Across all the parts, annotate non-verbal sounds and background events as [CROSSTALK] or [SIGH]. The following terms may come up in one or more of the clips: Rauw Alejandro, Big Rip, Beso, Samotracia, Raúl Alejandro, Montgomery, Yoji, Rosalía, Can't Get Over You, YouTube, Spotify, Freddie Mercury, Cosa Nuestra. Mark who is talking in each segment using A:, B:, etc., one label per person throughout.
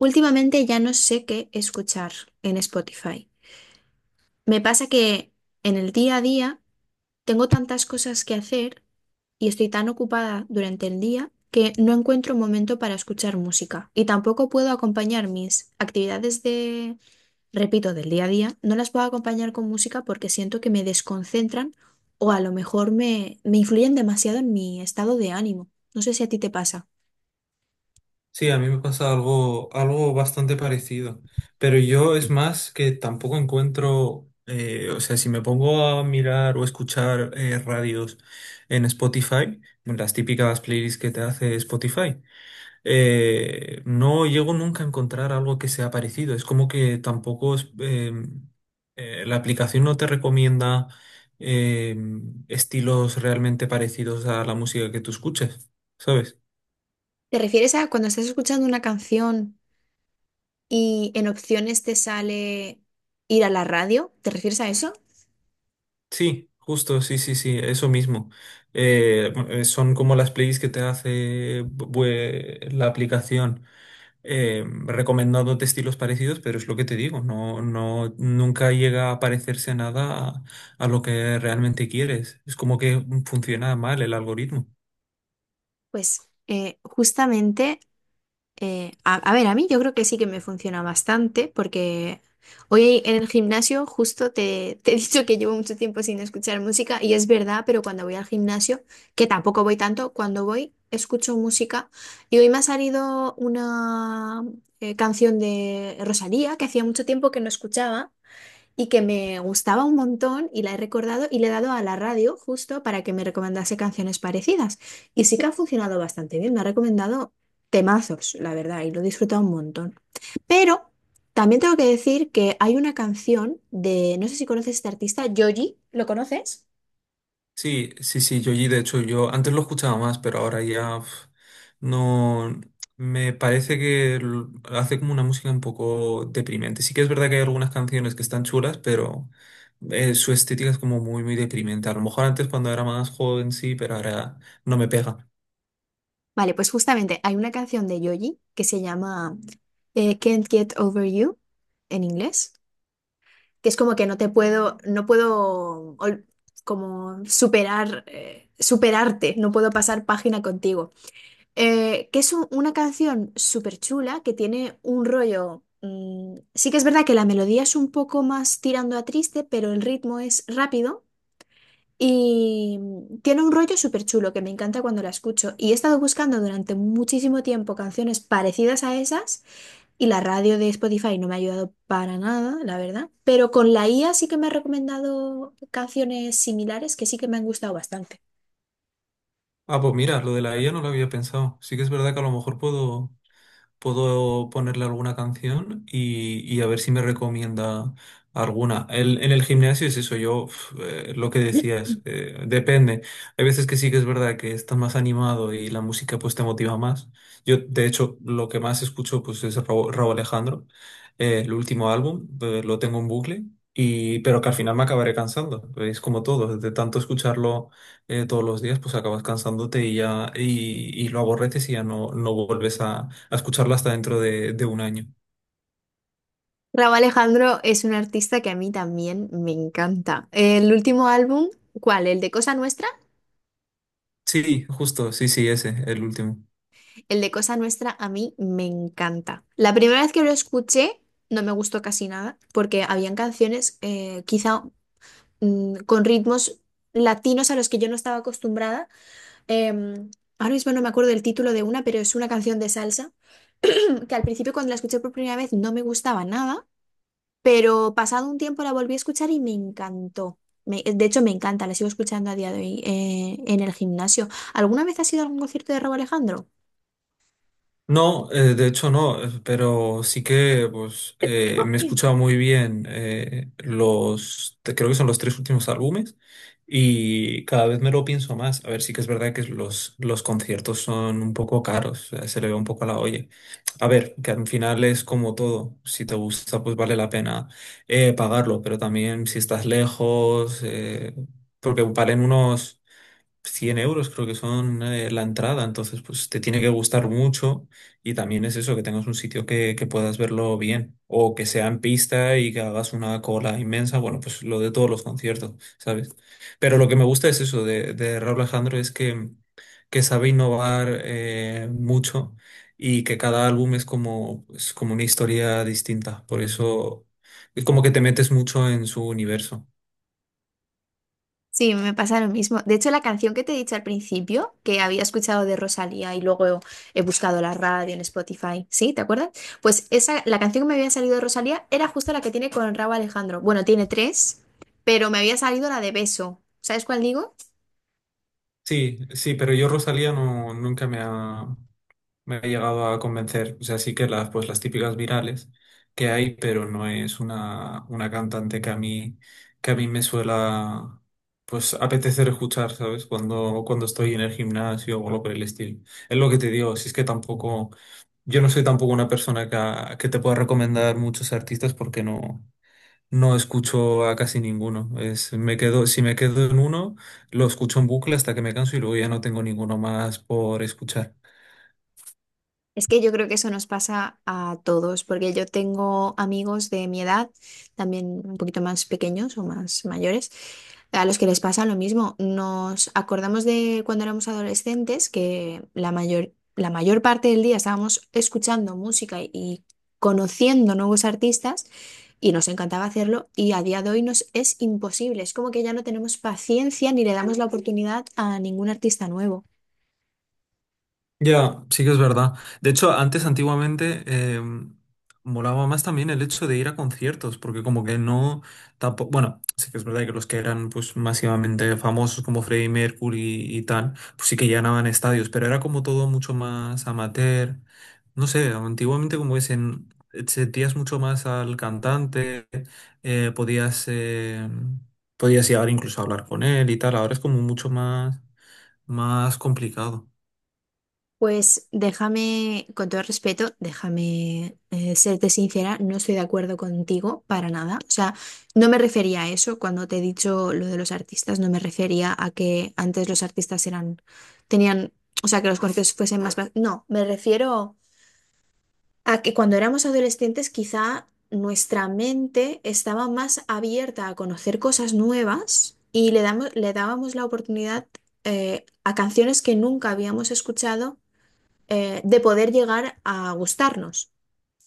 A: Últimamente ya no sé qué escuchar en Spotify. Me pasa que en el día a día tengo tantas cosas que hacer y estoy tan ocupada durante el día que no encuentro momento para escuchar música y tampoco puedo acompañar mis actividades repito, del día a día, no las puedo acompañar con música porque siento que me desconcentran o a lo mejor me influyen demasiado en mi estado de ánimo. No sé si a ti te pasa.
B: Sí, a mí me pasa algo, algo bastante parecido, pero yo es más que tampoco encuentro, o sea, si me pongo a mirar o escuchar radios en Spotify, las típicas playlists que te hace Spotify. No llego nunca a encontrar algo que sea parecido. Es como que tampoco es, la aplicación no te recomienda eh, estilos realmente parecidos a la música que tú escuches, ¿sabes?
A: ¿Te refieres a cuando estás escuchando una canción y en opciones te sale ir a la radio? ¿Te refieres a eso?
B: Sí, justo, sí, sí, sí, eso mismo. Son como las playlists que te hace la aplicación, recomendándote estilos parecidos, pero es lo que te digo, nunca llega a parecerse nada a lo que realmente quieres. Es como que funciona mal el algoritmo.
A: Pues justamente, a ver, a mí yo creo que sí que me funciona bastante porque hoy en el gimnasio justo te he dicho que llevo mucho tiempo sin escuchar música y es verdad, pero cuando voy al gimnasio, que tampoco voy tanto, cuando voy escucho música y hoy me ha salido una canción de Rosalía que hacía mucho tiempo que no escuchaba, y que me gustaba un montón y la he recordado y le he dado a la radio justo para que me recomendase canciones parecidas. Y sí que ha funcionado bastante bien, me ha recomendado temazos, la verdad, y lo he disfrutado un montón. Pero también tengo que decir que hay una canción de, no sé si conoces este artista, Yoji, ¿lo conoces?
B: Sí, sí, sí, Yoyi, de hecho, yo antes lo escuchaba más, pero ahora ya uf, no. Me parece que hace como una música un poco deprimente. Sí que es verdad que hay algunas canciones que están chulas, pero su estética es como muy, muy deprimente. A lo mejor antes cuando era más joven sí, pero ahora no me pega.
A: Vale, pues justamente hay una canción de Yoji que se llama Can't Get Over You en inglés, que es como que no te puedo, no puedo como superar, superarte, no puedo pasar página contigo. Que es una canción súper chula que tiene un rollo. Sí que es verdad que la melodía es un poco más tirando a triste, pero el ritmo es rápido. Y tiene un rollo súper chulo que me encanta cuando la escucho. Y he estado buscando durante muchísimo tiempo canciones parecidas a esas y la radio de Spotify no me ha ayudado para nada, la verdad. Pero con la IA sí que me ha recomendado canciones similares que sí que me han gustado bastante.
B: Ah, pues mira, lo de la IA no lo había pensado. Sí que es verdad que a lo mejor puedo ponerle alguna canción y a ver si me recomienda alguna. En el gimnasio es eso, yo uf, lo que decías, depende. Hay veces que sí que es verdad que estás más animado y la música pues te motiva más. Yo, de hecho, lo que más escucho pues es Raúl Alejandro, el último álbum, lo tengo en bucle. Y, pero que al final me acabaré cansando, es como todo, de tanto escucharlo todos los días, pues acabas cansándote y ya y lo aborreces y ya no, no vuelves a escucharlo hasta dentro de un año.
A: Rauw Alejandro es un artista que a mí también me encanta. El último álbum, ¿cuál? ¿El de Cosa Nuestra?
B: Sí, justo, sí, sí, ese, el último.
A: El de Cosa Nuestra a mí me encanta. La primera vez que lo escuché no me gustó casi nada porque habían canciones quizá con ritmos latinos a los que yo no estaba acostumbrada. Em, Ahora mismo no me acuerdo del título de una, pero es una canción de salsa que al principio cuando la escuché por primera vez no me gustaba nada, pero pasado un tiempo la volví a escuchar y me encantó. De hecho, me encanta, la sigo escuchando a día de hoy en el gimnasio. ¿Alguna vez has ido a algún concierto de Rauw Alejandro?
B: No, de hecho no, pero sí que pues me he escuchado muy bien los, creo que son los tres últimos álbumes y cada vez me lo pienso más. A ver, sí que es verdad que los conciertos son un poco caros, se le ve un poco a la olla. A ver, que al final es como todo, si te gusta pues vale la pena pagarlo, pero también si estás lejos, porque valen unos 100 euros creo que son la entrada, entonces pues te tiene que gustar mucho y también es eso, que tengas un sitio que puedas verlo bien o que sea en pista y que hagas una cola inmensa, bueno, pues lo de todos los conciertos, ¿sabes? Pero lo que me gusta es eso de Raúl Alejandro es que sabe innovar mucho y que cada álbum es como una historia distinta, por eso es como que te metes mucho en su universo.
A: Sí, me pasa lo mismo. De hecho, la canción que te he dicho al principio, que había escuchado de Rosalía y luego he buscado la radio en Spotify, ¿sí? ¿Te acuerdas? Pues esa, la canción que me había salido de Rosalía era justo la que tiene con Rauw Alejandro. Bueno, tiene tres, pero me había salido la de Beso. ¿Sabes cuál digo?
B: Sí, sí, pero yo Rosalía no, nunca me ha, me ha llegado a convencer. O sea, sí que las, pues, las típicas virales que hay, pero no es una cantante que a mí me suela pues apetecer escuchar, ¿sabes? Cuando estoy en el gimnasio o algo por el estilo. Es lo que te digo, si es que tampoco, yo no soy tampoco una persona que te pueda recomendar muchos artistas porque no. No escucho a casi ninguno. Es, me quedo, si me quedo en uno, lo escucho en bucle hasta que me canso y luego ya no tengo ninguno más por escuchar.
A: Es que yo creo que eso nos pasa a todos, porque yo tengo amigos de mi edad, también un poquito más pequeños o más mayores, a los que les pasa lo mismo. Nos acordamos de cuando éramos adolescentes que la mayor parte del día estábamos escuchando música y conociendo nuevos artistas y nos encantaba hacerlo y a día de hoy nos es imposible. Es como que ya no tenemos paciencia ni le damos la oportunidad a ningún artista nuevo.
B: Ya, sí que es verdad. De hecho, antes, antiguamente, molaba más también el hecho de ir a conciertos, porque como que no, tampoco, bueno, sí que es verdad que los que eran pues masivamente famosos como Freddie Mercury y tal, pues sí que llenaban estadios, pero era como todo mucho más amateur. No sé, antiguamente como que sentías mucho más al cantante, eh, podías, eh, podías llegar incluso a hablar con él y tal, ahora es como mucho más, más complicado.
A: Pues déjame, con todo respeto, déjame serte sincera, no estoy de acuerdo contigo para nada. O sea, no me refería a eso cuando te he dicho lo de los artistas, no me refería a que antes los artistas eran, tenían, o sea, que los conciertos fuesen más.No, me refiero a que cuando éramos adolescentes quizá nuestra mente estaba más abierta a conocer cosas nuevas y le dábamos la oportunidad a canciones que nunca habíamos escuchado de poder llegar a gustarnos.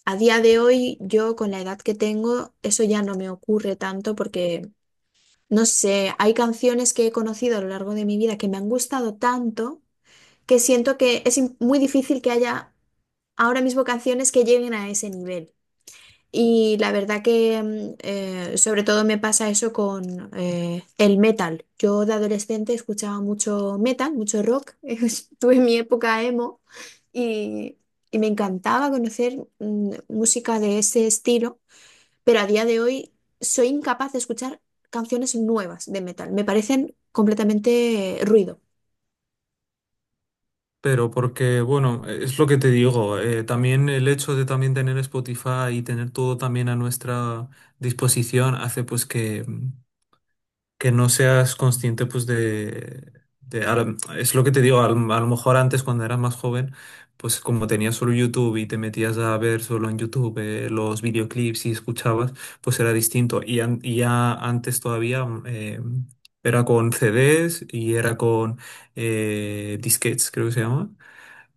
A: A día de hoy, yo con la edad que tengo, eso ya no me ocurre tanto porque, no sé, hay canciones que he conocido a lo largo de mi vida que me han gustado tanto que siento que es im- muy difícil que haya ahora mismo canciones que lleguen a ese nivel. Y la verdad que sobre todo me pasa eso con el metal. Yo de adolescente escuchaba mucho metal, mucho rock. [LAUGHS] Tuve mi época emo y, y me encantaba conocer música de ese estilo, pero a día de hoy soy incapaz de escuchar canciones nuevas de metal. Me parecen completamente ruido.
B: Pero porque, bueno, es lo que te digo, también el hecho de también tener Spotify y tener todo también a nuestra disposición hace pues que no seas consciente pues de a Es lo que te digo, a a lo mejor antes cuando eras más joven, pues como tenías solo YouTube y te metías a ver solo en YouTube los videoclips y escuchabas, pues era distinto. Y ya antes todavía era con CDs y era con disquetes, creo que se llama,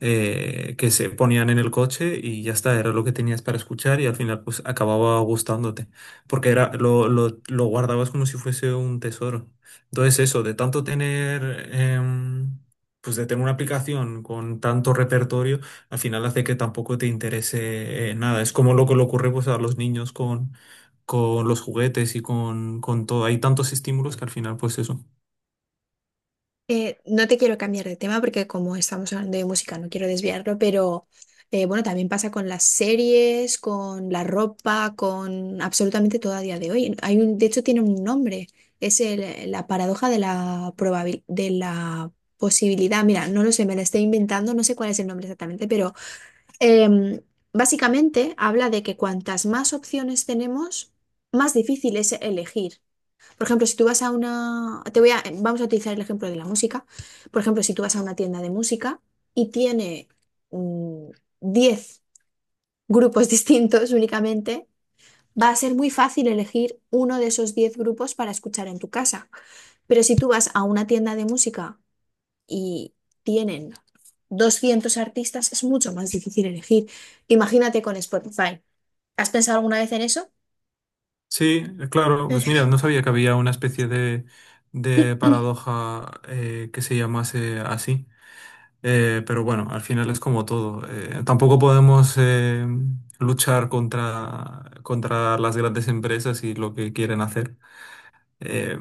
B: que se ponían en el coche y ya está, era lo que tenías para escuchar y al final pues acababa gustándote, porque era, lo guardabas como si fuese un tesoro. Entonces eso, de tanto tener, pues de tener una aplicación con tanto repertorio, al final hace que tampoco te interese nada. Es como lo que le ocurre pues a los niños con los juguetes con todo. Hay tantos estímulos que al final, pues eso.
A: No te quiero cambiar de tema porque como estamos hablando de música no quiero desviarlo, pero bueno, también pasa con las series, con la ropa, con absolutamente todo a día de hoy. Hay un, de hecho tiene un nombre, es la paradoja de la posibilidad. Mira, no lo sé, me la estoy inventando, no sé cuál es el nombre exactamente, pero em, básicamente habla de que cuantas más opciones tenemos, más difícil es elegir. Por ejemplo, si tú vamos a utilizar el ejemplo de la música. Por ejemplo, si tú vas a una tienda de música y tiene mm, 10 grupos [LAUGHS] distintos únicamente, va a ser muy fácil elegir uno de esos 10 grupos para escuchar en tu casa. Pero si tú vas a una tienda de música y tienen 200 artistas, es mucho más difícil elegir. Imagínate con Spotify. ¿Has pensado alguna vez en eso?
B: Sí, claro, pues mira, no sabía que había una especie de paradoja que se llamase así. Pero bueno, al final es como todo. Tampoco podemos luchar contra las grandes empresas y lo que quieren hacer eh,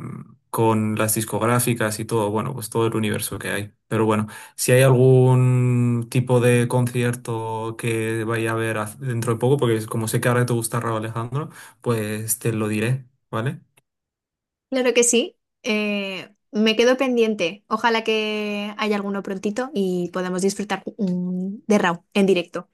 B: con las discográficas y todo, bueno, pues todo el universo que hay. Pero bueno, si hay algún tipo de concierto que vaya a haber dentro de poco, porque como sé que ahora te gusta Rauw Alejandro, pues te lo diré, ¿vale?
A: Claro que sí. Me quedo pendiente. Ojalá que haya alguno prontito y podamos disfrutar de Raw en directo.